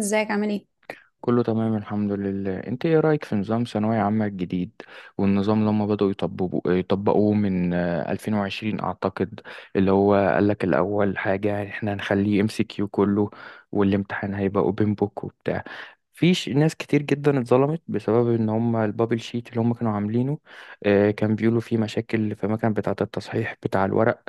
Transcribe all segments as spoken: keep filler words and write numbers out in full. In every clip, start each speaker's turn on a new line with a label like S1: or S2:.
S1: ازيك؟ عامل ايه؟
S2: كله تمام الحمد لله. انت ايه رأيك في نظام ثانوية عامة الجديد؟ والنظام اللي هم بدأوا يطبقوا يطبقوه من آه، ألفين وعشرين اعتقد. اللي هو قالك الاول حاجة احنا هنخليه ام سي كيو كله، والامتحان هيبقى اوبن بوك وبتاع. في ش- ناس كتير جدا اتظلمت بسبب ان هم البابل شيت اللي هم كانوا عاملينه. آه، كان بيقولوا فيه مشاكل في المكان بتاعة التصحيح بتاع الورق.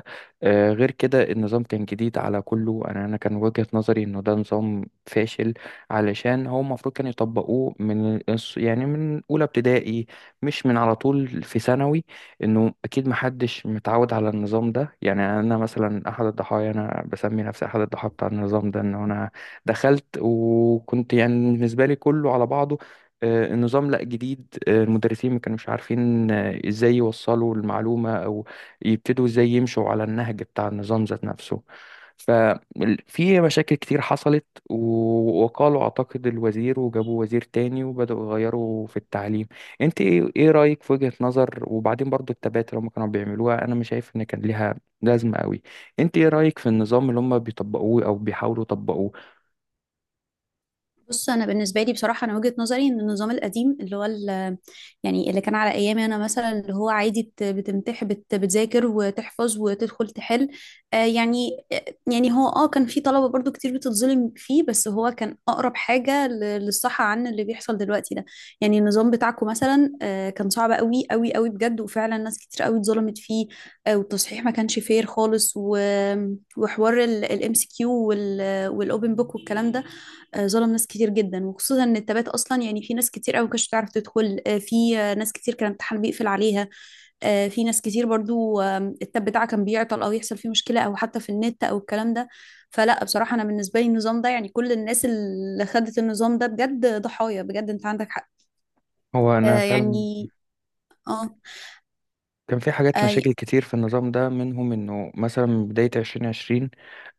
S2: آه، غير كده النظام كان جديد على كله. انا انا كان وجهة نظري انه ده نظام فاشل، علشان هو المفروض كانوا يطبقوه من الص- يعني من أولى ابتدائي، مش من على طول في ثانوي. إنه أكيد محدش متعود على النظام ده. يعني أنا مثلا أحد الضحايا، أنا بسمي نفسي أحد الضحايا بتاع النظام ده. إن أنا دخلت وكنت يعني بالنسبة لي كله على بعضه. آه، النظام لا جديد، آه، المدرسين ما كانوش عارفين آه، ازاي يوصلوا المعلومة او يبتدوا ازاي يمشوا على النهج بتاع النظام ذات نفسه. ففي مشاكل كتير حصلت، و- وقالوا أعتقد الوزير، وجابوا وزير تاني وبدأوا يغيروا في التعليم. انت ايه إيه رأيك في وجهة نظر؟ وبعدين برضو التبات اللي هم كانوا بيعملوها، انا مش شايف ان كان ليها لازمة قوي. انت ايه رأيك في النظام اللي هم بيطبقوه او بيحاولوا يطبقوه؟
S1: بص، انا بالنسبه لي بصراحه انا وجهه نظري ان النظام القديم اللي هو ال- يعني اللي كان على ايامي، انا مثلا اللي هو عادي بت- بتمتح، بت- بتذاكر وتحفظ وتدخل تحل. آه يعني يعني هو اه كان في طلبه برضو كتير بتتظلم فيه، بس هو كان اقرب حاجه ل- للصح عن اللي بيحصل دلوقتي ده. يعني النظام بتاعكم مثلا آه كان صعب قوي قوي قوي بجد، وفعلا ناس كتير قوي اتظلمت فيه. آه والتصحيح ما كانش فير خالص، و- وحوار الام سي كيو والاوبن بوك والكلام ده. آه، ظلم ناس كتير جدا، وخصوصا ان التبات اصلا، يعني في ناس كتير قوي كانتش بتعرف تدخل، آه، في آه، ناس كتير كان الامتحان بيقفل عليها. آه، في ناس كتير برضو آم، التاب بتاعها كان بيعطل او يحصل فيه مشكله، او حتى في النت او الكلام ده. فلا بصراحه، انا بالنسبه لي النظام ده يعني كل الناس اللي خدت النظام ده بجد ضحايا بجد، انت عندك حق.
S2: هو انا
S1: آه،
S2: فعلا
S1: يعني. اه.
S2: كان في حاجات،
S1: اي.
S2: مشاكل كتير في النظام ده، منهم انه مثلا من بداية ألفين وعشرين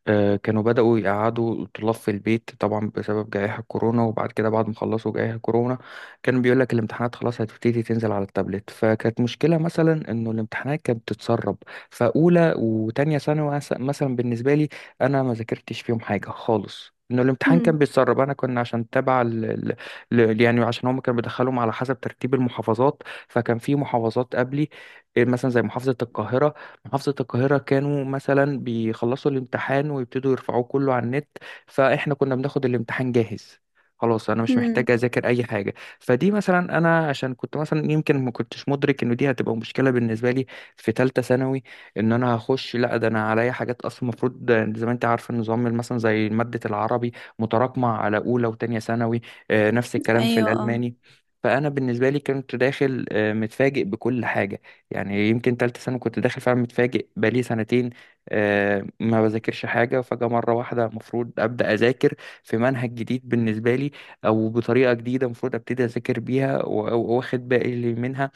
S2: آه، كانوا بدأوا يقعدوا الطلاب في البيت طبعا بسبب جائحة كورونا. وبعد كده بعد ما خلصوا جائحة كورونا كان بيقول لك الامتحانات خلاص هتبتدي تنزل على التابلت. فكانت مشكلة مثلا انه الامتحانات كانت بتتسرب. فأولى وتانية ثانوي مس- مثلا بالنسبة لي انا ما ذاكرتش فيهم حاجة خالص، انه الامتحان كان
S1: مم.
S2: بيتسرب. انا كنا عشان تبع ال... ال... ل- يعني عشان هم كانوا بيدخلهم على حسب ترتيب المحافظات. فكان في محافظات قبلي، إيه، مثلا زي محافظة القاهرة. محافظة القاهرة كانوا مثلا بيخلصوا الامتحان ويبتدوا يرفعوه كله على النت، فإحنا كنا بناخد الامتحان جاهز. خلاص أنا مش
S1: مم.
S2: محتاج أذاكر أي حاجة. فدي مثلا أنا عشان كنت مثلا يمكن ما كنتش مدرك إن دي هتبقى مشكلة بالنسبة لي في تالتة ثانوي. إن أنا هخش، لا ده أنا عليا حاجات أصلا المفروض. زي ما أنت عارف النظام مثلا زي مادة العربي متراكمة على أولى وتانية ثانوي. آه، نفس الكلام في
S1: ايوه، اه.
S2: الألماني. فأنا بالنسبة لي كنت داخل آه، متفاجئ بكل حاجة. يعني يمكن تالتة سنة كنت داخل فعلا متفاجئ. بقالي سنتين آه، ما بذاكرش حاجة، فجأة مرة واحدة المفروض أبدأ أذاكر في منهج جديد بالنسبة لي، أو بطريقة جديدة المفروض أبتدي أذاكر بيها و- و- وأخد بالي منها.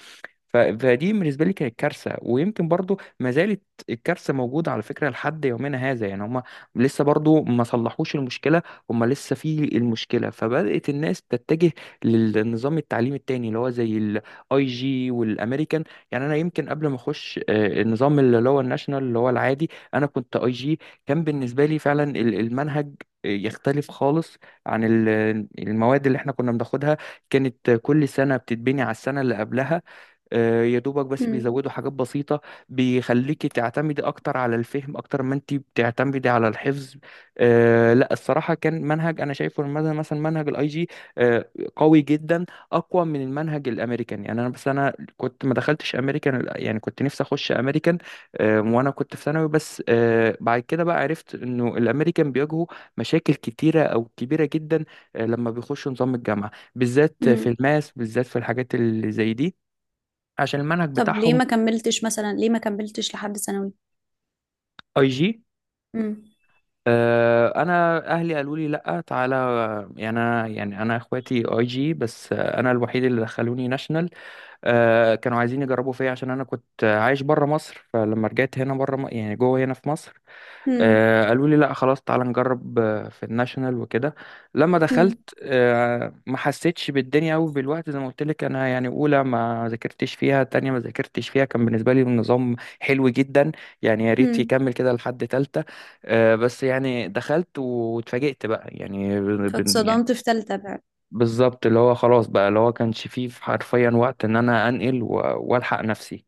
S2: ف- فدي بالنسبه لي كانت كارثه، ويمكن برضو ما زالت الكارثه موجوده على فكره لحد يومنا هذا. يعني هم لسه برضو ما صلحوش المشكله، هم لسه في المشكله. فبدات الناس تتجه للنظام التعليمي التاني، اللي هو زي الاي جي والامريكان. يعني انا يمكن قبل ما اخش آه، النظام اللي هو الناشونال اللي هو العادي، انا كنت اي جي. كان بالنسبه لي فعلا ال- المنهج آه، يختلف خالص عن ال- المواد اللي احنا كنا بناخدها. كانت كل سنه بتتبني على السنه اللي قبلها، آه، يا دوبك بس
S1: مم.
S2: بيزودوا حاجات بسيطة، بيخليكي تعتمدي أكتر على الفهم أكتر ما أنت بتعتمدي على الحفظ. آه لا، الصراحة كان منهج أنا شايفه، المد- مثلا منهج الأي جي آه، قوي جدا، أقوى من المنهج الأمريكان. يعني أنا، بس أنا كنت ما دخلتش أمريكان، يعني كنت نفسي أخش أمريكان آه، وأنا كنت في ثانوي. بس آه بعد كده بقى عرفت إنه الأمريكان بيواجهوا مشاكل كتيرة أو كبيرة جدا آه، لما بيخشوا نظام الجامعة، بالذات في
S1: مم.
S2: الماس، بالذات في الحاجات اللي زي دي، عشان المنهج
S1: طب ليه
S2: بتاعهم.
S1: ما كملتش مثلا؟ ليه ما كملتش لحد ثانوي؟
S2: اي جي.
S1: مم.
S2: آه، انا اهلي قالوا لي لا تعالى. يعني انا يعني انا اخواتي اي جي، بس آه، انا الوحيد اللي دخلوني ناشونال. آه، كانوا عايزين يجربوا فيا عشان انا كنت عايش بره مصر، فلما رجعت هنا، بره يعني جوه، هنا في مصر
S1: مم.
S2: آه، قالوا لي لا خلاص تعالى نجرب آه، في الناشونال وكده. لما
S1: مم.
S2: دخلت آه، ما حسيتش بالدنيا قوي بالوقت، زي ما قلت لك انا يعني اولى ما ذاكرتش فيها، تانية ما ذاكرتش فيها، كان بالنسبه لي النظام حلو جدا. يعني يا ريت
S1: مم.
S2: يكمل كده لحد تالتة آه، بس يعني دخلت واتفاجئت بقى يعني بن- بن- يعني
S1: فاتصدمت في تالتة بقى.
S2: بالظبط. اللي هو خلاص بقى اللي هو كانش فيه حرفيا وقت ان انا انقل و- والحق نفسي.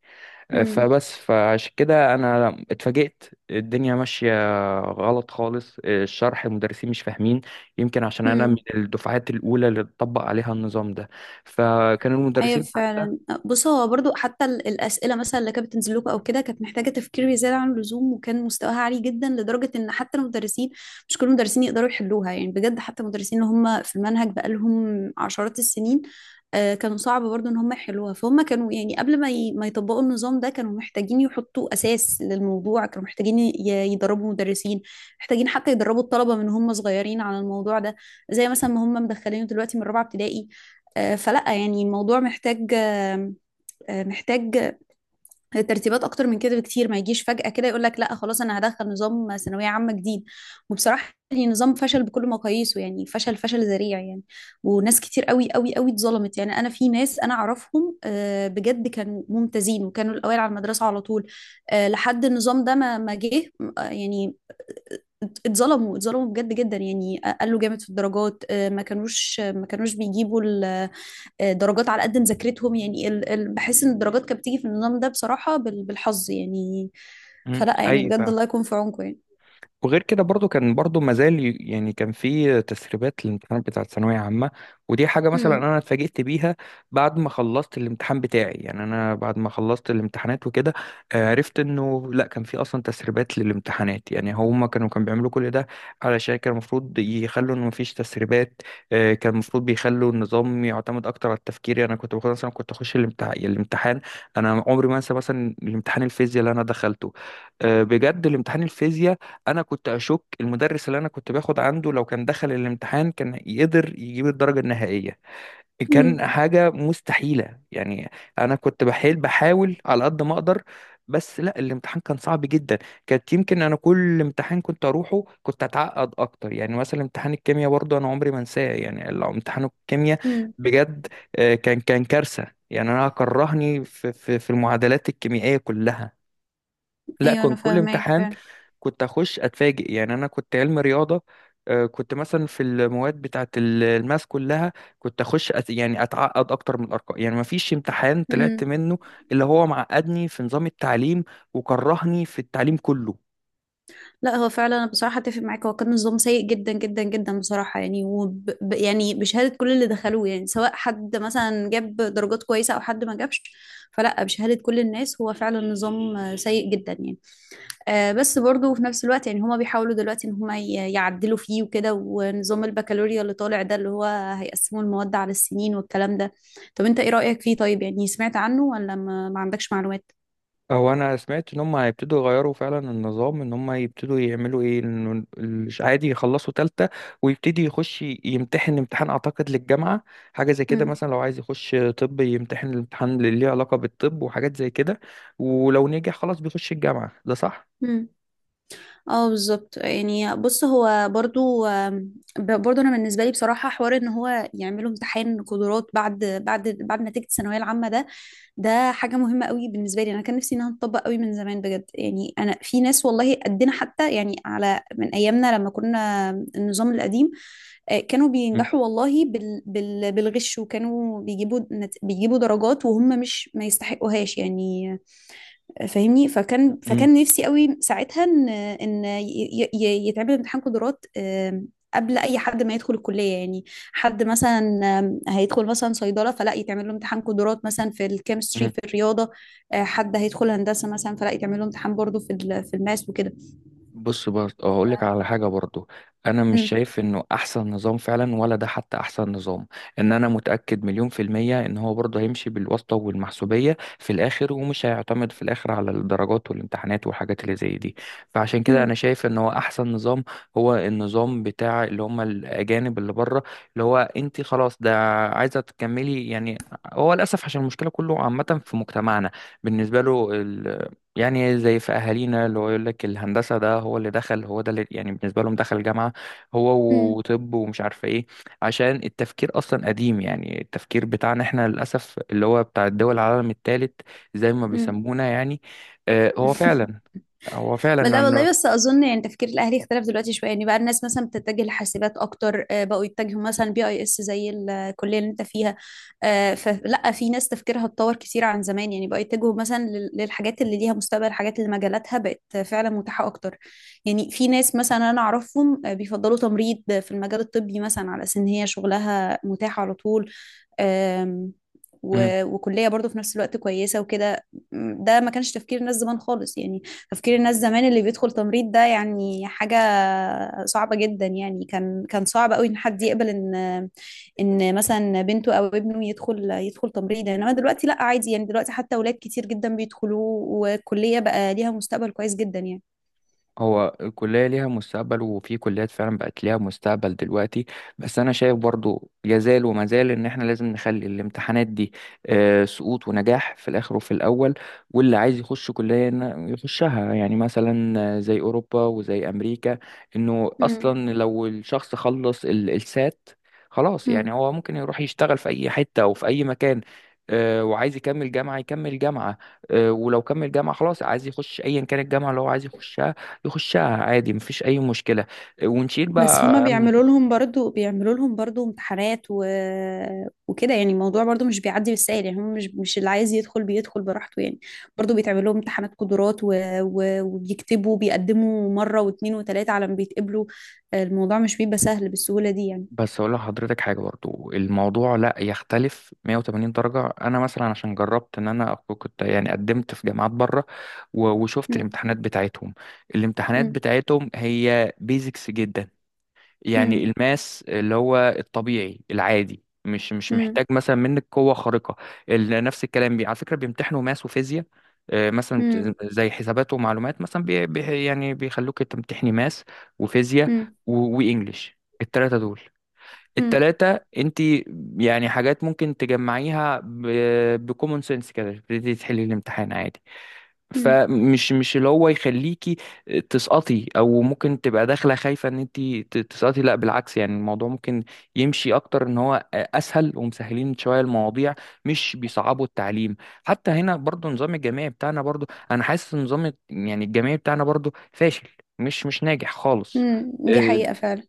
S1: هم.
S2: فبس فعشان كده انا اتفاجئت. الدنيا ماشيه غلط خالص، الشرح المدرسين مش فاهمين، يمكن عشان انا من
S1: هم.
S2: الدفعات الاولى اللي اتطبق عليها النظام ده. فكان
S1: ايوه،
S2: المدرسين حتى.
S1: فعلا. بص، هو برضو حتى ال- الاسئله مثلا اللي كانت بتنزل لكم او كده، كانت محتاجه تفكير زياده عن اللزوم، وكان مستواها عالي جدا لدرجه ان حتى المدرسين، مش كل المدرسين يقدروا يحلوها. يعني بجد حتى المدرسين اللي هم في المنهج بقالهم عشرات السنين، آه، كانوا صعب برضو ان هم يحلوها. فهم كانوا يعني قبل ما ي- ما يطبقوا النظام ده كانوا محتاجين يحطوا اساس للموضوع، كانوا محتاجين ي- يدربوا مدرسين، محتاجين حتى يدربوا الطلبه من هم صغيرين على الموضوع ده، زي مثلا ما هم مدخلينه دلوقتي من رابعه ابتدائي. آه، فلا يعني الموضوع محتاج آه، آه، محتاج ترتيبات اكتر من كده بكتير. ما يجيش فجأة كده يقول لك لا خلاص انا هدخل نظام ثانوية عامة جديد. وبصراحة يعني نظام فشل بكل مقاييسه، يعني فشل فشل ذريع يعني. وناس كتير قوي قوي قوي اتظلمت، يعني انا في ناس انا اعرفهم آه، بجد كانوا ممتازين وكانوا الاوائل على المدرسة على طول، آه، لحد النظام ده ما ما جه. آه، يعني ات- اتظلموا اتظلموا بجد جدا، يعني قالوا جامد في الدرجات. آه، ما كانوش ما كانوش بيجيبوا آه، درجات على قد مذاكرتهم. يعني ال... ال... بحس ان الدرجات كانت بتيجي في النظام ده بصراحة بال... بالحظ يعني.
S2: مم،
S1: فلا يعني
S2: حقيقي
S1: بجد،
S2: فعلا.
S1: الله يكون في عونكم يعني.
S2: وغير كده برضو كان برضو مازال، يعني كان في تسريبات للامتحانات بتاعة ثانوية عامة. ودي حاجة مثلا
S1: امم.
S2: أنا اتفاجئت بيها بعد ما خلصت الامتحان بتاعي، يعني أنا بعد ما خلصت الامتحانات وكده آه، عرفت إنه لأ كان في أصلا تسريبات للامتحانات. يعني هما كانوا كانوا بيعملوا كل ده علشان كان المفروض يخلوا إنه مفيش تسريبات. آه، كان المفروض بيخلوا النظام يعتمد أكتر على التفكير. يعني أنا كنت باخد مثلا، كنت أخش الامتح- الامتحان، أنا عمري ما أنسى مثلا الامتحان الفيزياء اللي أنا دخلته آه، بجد. الامتحان الفيزياء انا كنت اشك المدرس اللي انا كنت باخد عنده لو كان دخل الامتحان كان يقدر يجيب الدرجه النهائيه.
S1: امم.
S2: كان حاجه مستحيله يعني. انا كنت بحاول بحاول على قد ما اقدر، بس لا الامتحان كان صعب جدا. كانت يمكن انا كل امتحان كنت اروحه كنت اتعقد اكتر. يعني مثلا امتحان الكيمياء برضه انا عمري ما انساه. يعني لو امتحان الكيمياء
S1: امم.
S2: بجد آه، كان كان كارثه. يعني انا كرهني في في في المعادلات الكيميائيه كلها. لا
S1: ايوه،
S2: كان
S1: انا
S2: كل
S1: فاهماك
S2: امتحان
S1: فعلا.
S2: كنت اخش اتفاجئ. يعني انا كنت علم رياضه آه، كنت مثلا في المواد بتاعت ال- الماس كلها، كنت اخش أت... يعني اتعقد اكتر من الارقام. يعني ما فيش امتحان طلعت
S1: امم.
S2: منه اللي هو معقدني في نظام التعليم، وكرهني في التعليم كله.
S1: لا، هو فعلا انا بصراحة اتفق معاك. هو كان نظام سيء جدا جدا جدا بصراحة يعني، وب... ب- يعني بشهادة كل اللي دخلوه، يعني سواء حد مثلا جاب درجات كويسة او حد ما جابش. فلا بشهادة كل الناس هو فعلا نظام آه، سيء جدا يعني. آه، بس برضو في نفس الوقت، يعني هما بيحاولوا دلوقتي ان هما ي- يعدلوا فيه وكده. ونظام البكالوريا اللي طالع ده اللي هو هيقسموا المواد على السنين والكلام ده. طب انت ايه رأيك فيه؟ طيب يعني سمعت عنه ولا ما, ما عندكش معلومات؟
S2: هو انا سمعت ان هم هيبتدوا يغيروا فعلا النظام، ان هم يبتدوا يعملوا ايه، انه ال- عادي يخلصوا تالتة ويبتدي يخش يمتحن امتحان اعتقد للجامعة. حاجة زي كده،
S1: امم.
S2: مثلا لو عايز يخش طب يمتحن الامتحان اللي ليه علاقة بالطب وحاجات زي كده. ولو نجح خلاص بيخش الجامعة، ده صح؟
S1: امم. اه، بالظبط. يعني بص هو برضو آم، ب- برضو انا بالنسبه لي بصراحه حوار ان هو يعملوا امتحان قدرات بعد بعد بعد نتيجه الثانويه العامه ده، ده حاجة مهمة قوي بالنسبة لي. انا كان نفسي انها تطبق قوي من زمان بجد، يعني انا في ناس والله قدنا حتى، يعني على من ايامنا لما كنا النظام القديم، آه، كانوا
S2: مم.
S1: بينجحوا والله بال بال بالغش، وكانوا بيجيبوا نت- بيجيبوا درجات وهم مش ما يستحقوهاش يعني. فاهمني؟ فكان فكان نفسي قوي ساعتها ان ان ي- ي- يتعمل امتحان قدرات، آم، قبل اي حد ما يدخل الكليه يعني. حد مثلا آم، هيدخل مثلا صيدله، فلا يتعمل له امتحان قدرات مثلا في الكيمستري،
S2: مم.
S1: في الرياضه. آه، حد هيدخل هندسه مثلا فلا يتعمل له امتحان برضه في ال- في الماس وكده.
S2: بص برضه هقول لك على حاجه برضه. انا مش
S1: امم.
S2: شايف انه احسن نظام فعلا، ولا ده حتى احسن نظام، ان انا متاكد مليون في الميه ان هو برضه هيمشي بالواسطه والمحسوبيه في الاخر، ومش هيعتمد في الاخر على الدرجات والامتحانات والحاجات اللي زي دي. فعشان كده انا
S1: مم.
S2: شايف ان هو احسن نظام هو النظام بتاع اللي هم الاجانب اللي بره. اللي هو انت خلاص ده عايزه تكملي يعني. هو للاسف عشان المشكله كله عامه في مجتمعنا بالنسبه له. يعني زي في اهالينا اللي هو يقول لك الهندسه ده هو اللي دخل، هو ده اللي يعني بالنسبه لهم دخل جامعه هو،
S1: مم.
S2: وطب، ومش عارفه ايه، عشان التفكير اصلا قديم. يعني التفكير بتاعنا احنا للاسف اللي هو بتاع الدول العالم الثالث زي ما
S1: مم.
S2: بيسمونا يعني. آه، هو فعلا، هو فعلا
S1: لا
S2: انه،
S1: والله، بس اظن يعني تفكير الاهلي اختلف دلوقتي شويه. يعني بقى الناس مثلا بتتجه لحاسبات اكتر، آه، بقوا يتجهوا مثلا بي اي اس زي الكليه اللي انت فيها. آه، فلا في ناس تفكيرها اتطور كتير عن زمان. يعني بقوا يتجهوا مثلا لل- للحاجات اللي ليها مستقبل، الحاجات اللي مجالاتها بقت فعلا متاحه اكتر. يعني في ناس مثلا انا اعرفهم آه، بيفضلوا تمريض في المجال الطبي مثلا، على اساس ان هي شغلها متاح على طول. آم، و- وكلية برضو في نفس الوقت كويسة وكده. م، ده ما كانش تفكير الناس زمان خالص يعني. تفكير الناس زمان اللي بيدخل تمريض ده يعني حاجة صعبة جدا. يعني كان كان صعب قوي ان حد يقبل ان ان مثلا بنته او ابنه يدخل يدخل تمريض، انما دلوقتي لا، عادي يعني. دلوقتي حتى اولاد كتير جدا بيدخلوا، والكلية بقى ليها مستقبل كويس جدا يعني.
S2: هو الكلية ليها مستقبل. وفي كليات فعلا بقت ليها مستقبل دلوقتي، بس أنا شايف برضو يزال وما زال إن إحنا لازم نخلي الامتحانات دي آه، سقوط ونجاح في الآخر وفي الأول. واللي عايز يخش كلية إن- يخشها، يعني مثلا آه، زي أوروبا وزي أمريكا، إنه
S1: مم.
S2: أصلا لو الشخص خلص ال- السات خلاص. يعني
S1: مم.
S2: هو ممكن يروح يشتغل في أي حتة أو في أي مكان آه، وعايز يكمل جامعة يكمل جامعة آه، ولو كمل جامعة خلاص عايز يخش أيا كان الجامعة اللي هو عايز يخشها يخشها عادي، مفيش اي مشكله. ونشيل
S1: بس هما
S2: بقى.
S1: بيعملوا لهم برضو بيعملوا لهم برضو امتحانات و... وكده يعني. الموضوع برضو مش بيعدي بالسهل، يعني هم مش مش اللي عايز يدخل بيدخل براحته يعني. برضو بيتعمل لهم امتحانات قدرات و... و... وبيكتبوا، بيقدموا مرة واتنين وتلاتة على ما بيتقبلوا. الموضوع مش بيبقى سهل بالسهولة دي يعني.
S2: بس اقول لحضرتك حاجه برضو، الموضوع لا يختلف مية وتمانين درجه. انا مثلا عشان جربت ان انا أكون- كنت يعني قدمت في جامعات بره و- وشفت
S1: مم.
S2: الامتحانات بتاعتهم. الامتحانات
S1: مم.
S2: بتاعتهم هي بيزكس جدا. يعني
S1: مم.
S2: الماس اللي هو الطبيعي العادي مش مش
S1: مم.
S2: محتاج مثلا منك قوة خارقة. ال- نفس الكلام بي على فكرة بيمتحنوا ماس وفيزياء آه، مثلا
S1: مم.
S2: بت- زي حسابات ومعلومات مثلا بي بي يعني بيخلوك تمتحني ماس وفيزياء
S1: مم.
S2: و- وإنجليش، التلاتة دول.
S1: مم.
S2: التلاتة انت يعني حاجات ممكن تجمعيها بكومون سنس كده، تبتدي تحلي الامتحان عادي.
S1: مم.
S2: فمش مش اللي هو يخليكي تسقطي، او ممكن تبقى داخله خايفه ان انت تسقطي، لا بالعكس. يعني الموضوع ممكن يمشي اكتر ان هو اسهل، ومسهلين شويه المواضيع، مش بيصعبوا التعليم. حتى هنا برضو نظام الجامعي بتاعنا برضو انا حاسس ان نظام، يعني الجامعي بتاعنا برضو فاشل، مش مش ناجح خالص.
S1: مم. دي حقيقة
S2: آه،
S1: فعلا.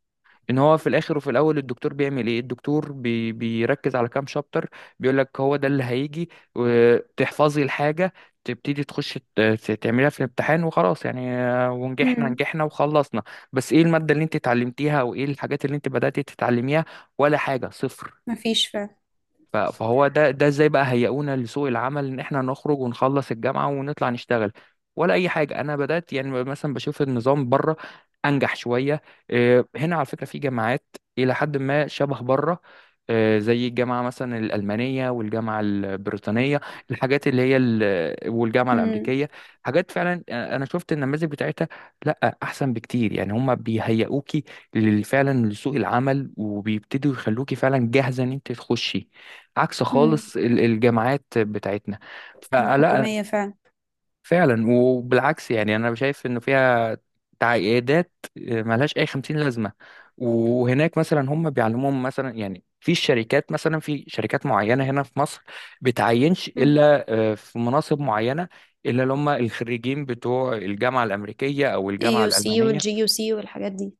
S2: ان هو في الاخر وفي الاول الدكتور بيعمل ايه، الدكتور بي بيركز على كام شابتر، بيقول لك هو ده اللي هيجي، وتحفظي الحاجه، تبتدي تخش ت- ت- تعمليها في الامتحان وخلاص. يعني آه، ونجحنا
S1: مم.
S2: نجحنا وخلصنا. بس ايه الماده اللي انت اتعلمتيها، او ايه الحاجات اللي انت بدأتي تتعلميها؟ ولا حاجه، صفر.
S1: مفيش فعلا.
S2: ف- فهو ده، ده ازاي بقى هيئونا لسوق العمل ان احنا نخرج ونخلص الجامعه ونطلع نشتغل ولا اي حاجه. انا بدات يعني مثلا بشوف النظام بره انجح شويه. إيه، هنا على فكره في جامعات الى حد ما شبه بره، إيه، زي الجامعه مثلا الالمانيه والجامعه البريطانيه، الحاجات اللي هي ال- والجامعه
S1: مم.
S2: الامريكيه، حاجات فعلا انا شفت النماذج بتاعتها، لا احسن بكتير. يعني هم بيهيئوكي لل- فعلا لسوق العمل، وبيبتدوا يخلوكي فعلا جاهزه ان انت تخشي، عكس
S1: مم.
S2: خالص ال- الجامعات بتاعتنا. فلا،
S1: الحكومية فعلا.
S2: فعلا، وبالعكس يعني انا شايف انه فيها تعقيدات ملهاش اي خمسين لازمه. وهناك مثلا هم بيعلموهم مثلا، يعني في الشركات، مثلا في شركات معينه هنا في مصر بتعينش
S1: مم.
S2: الا آه، في مناصب معينه الا اللي هم الخريجين بتوع الجامعه الامريكيه او الجامعه
S1: ايه يو سي
S2: الالمانيه.
S1: والجي يو سي والحاجات دي.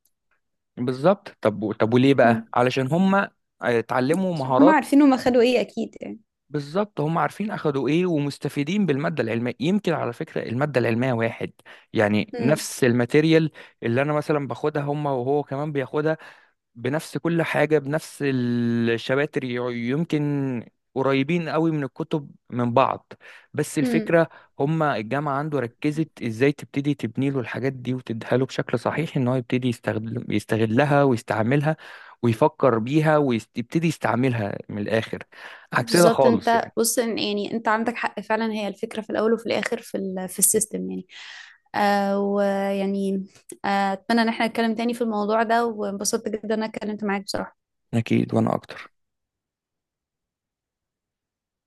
S2: بالظبط. طب طب وليه
S1: مم.
S2: بقى؟ علشان هم آه، اتعلموا
S1: عشان هما
S2: مهارات.
S1: عارفين، هما خدوا ايه اكيد يعني.
S2: بالظبط هم عارفين اخدوا ايه، ومستفيدين بالماده العلميه. يمكن على فكره الماده العلميه واحد، يعني
S1: امم.
S2: نفس الماتيريال اللي انا مثلا باخدها هم وهو كمان بياخدها، بنفس كل حاجه، بنفس الشباتر، ي- يمكن قريبين قوي من الكتب من بعض. بس
S1: امم.
S2: الفكره هم الجامعه عنده ركزت ازاي تبتدي تبني له الحاجات دي، وتديها له بشكل صحيح ان هو يبتدي يستخدم يستغلها ويستعملها ويفكر بيها ويبتدي يستعملها من الاخر. عكسنا
S1: بالظبط.
S2: خالص
S1: انت
S2: يعني.
S1: بص إن- يعني انت عندك حق فعلا. هي الفكره في الاول وفي الاخر في ال في السيستم يعني. آه ويعني آه اتمنى ان احنا نتكلم تاني في الموضوع ده، وانبسطت جدا ان انا اتكلمت معاك بصراحه.
S2: اكيد وانا اكتر.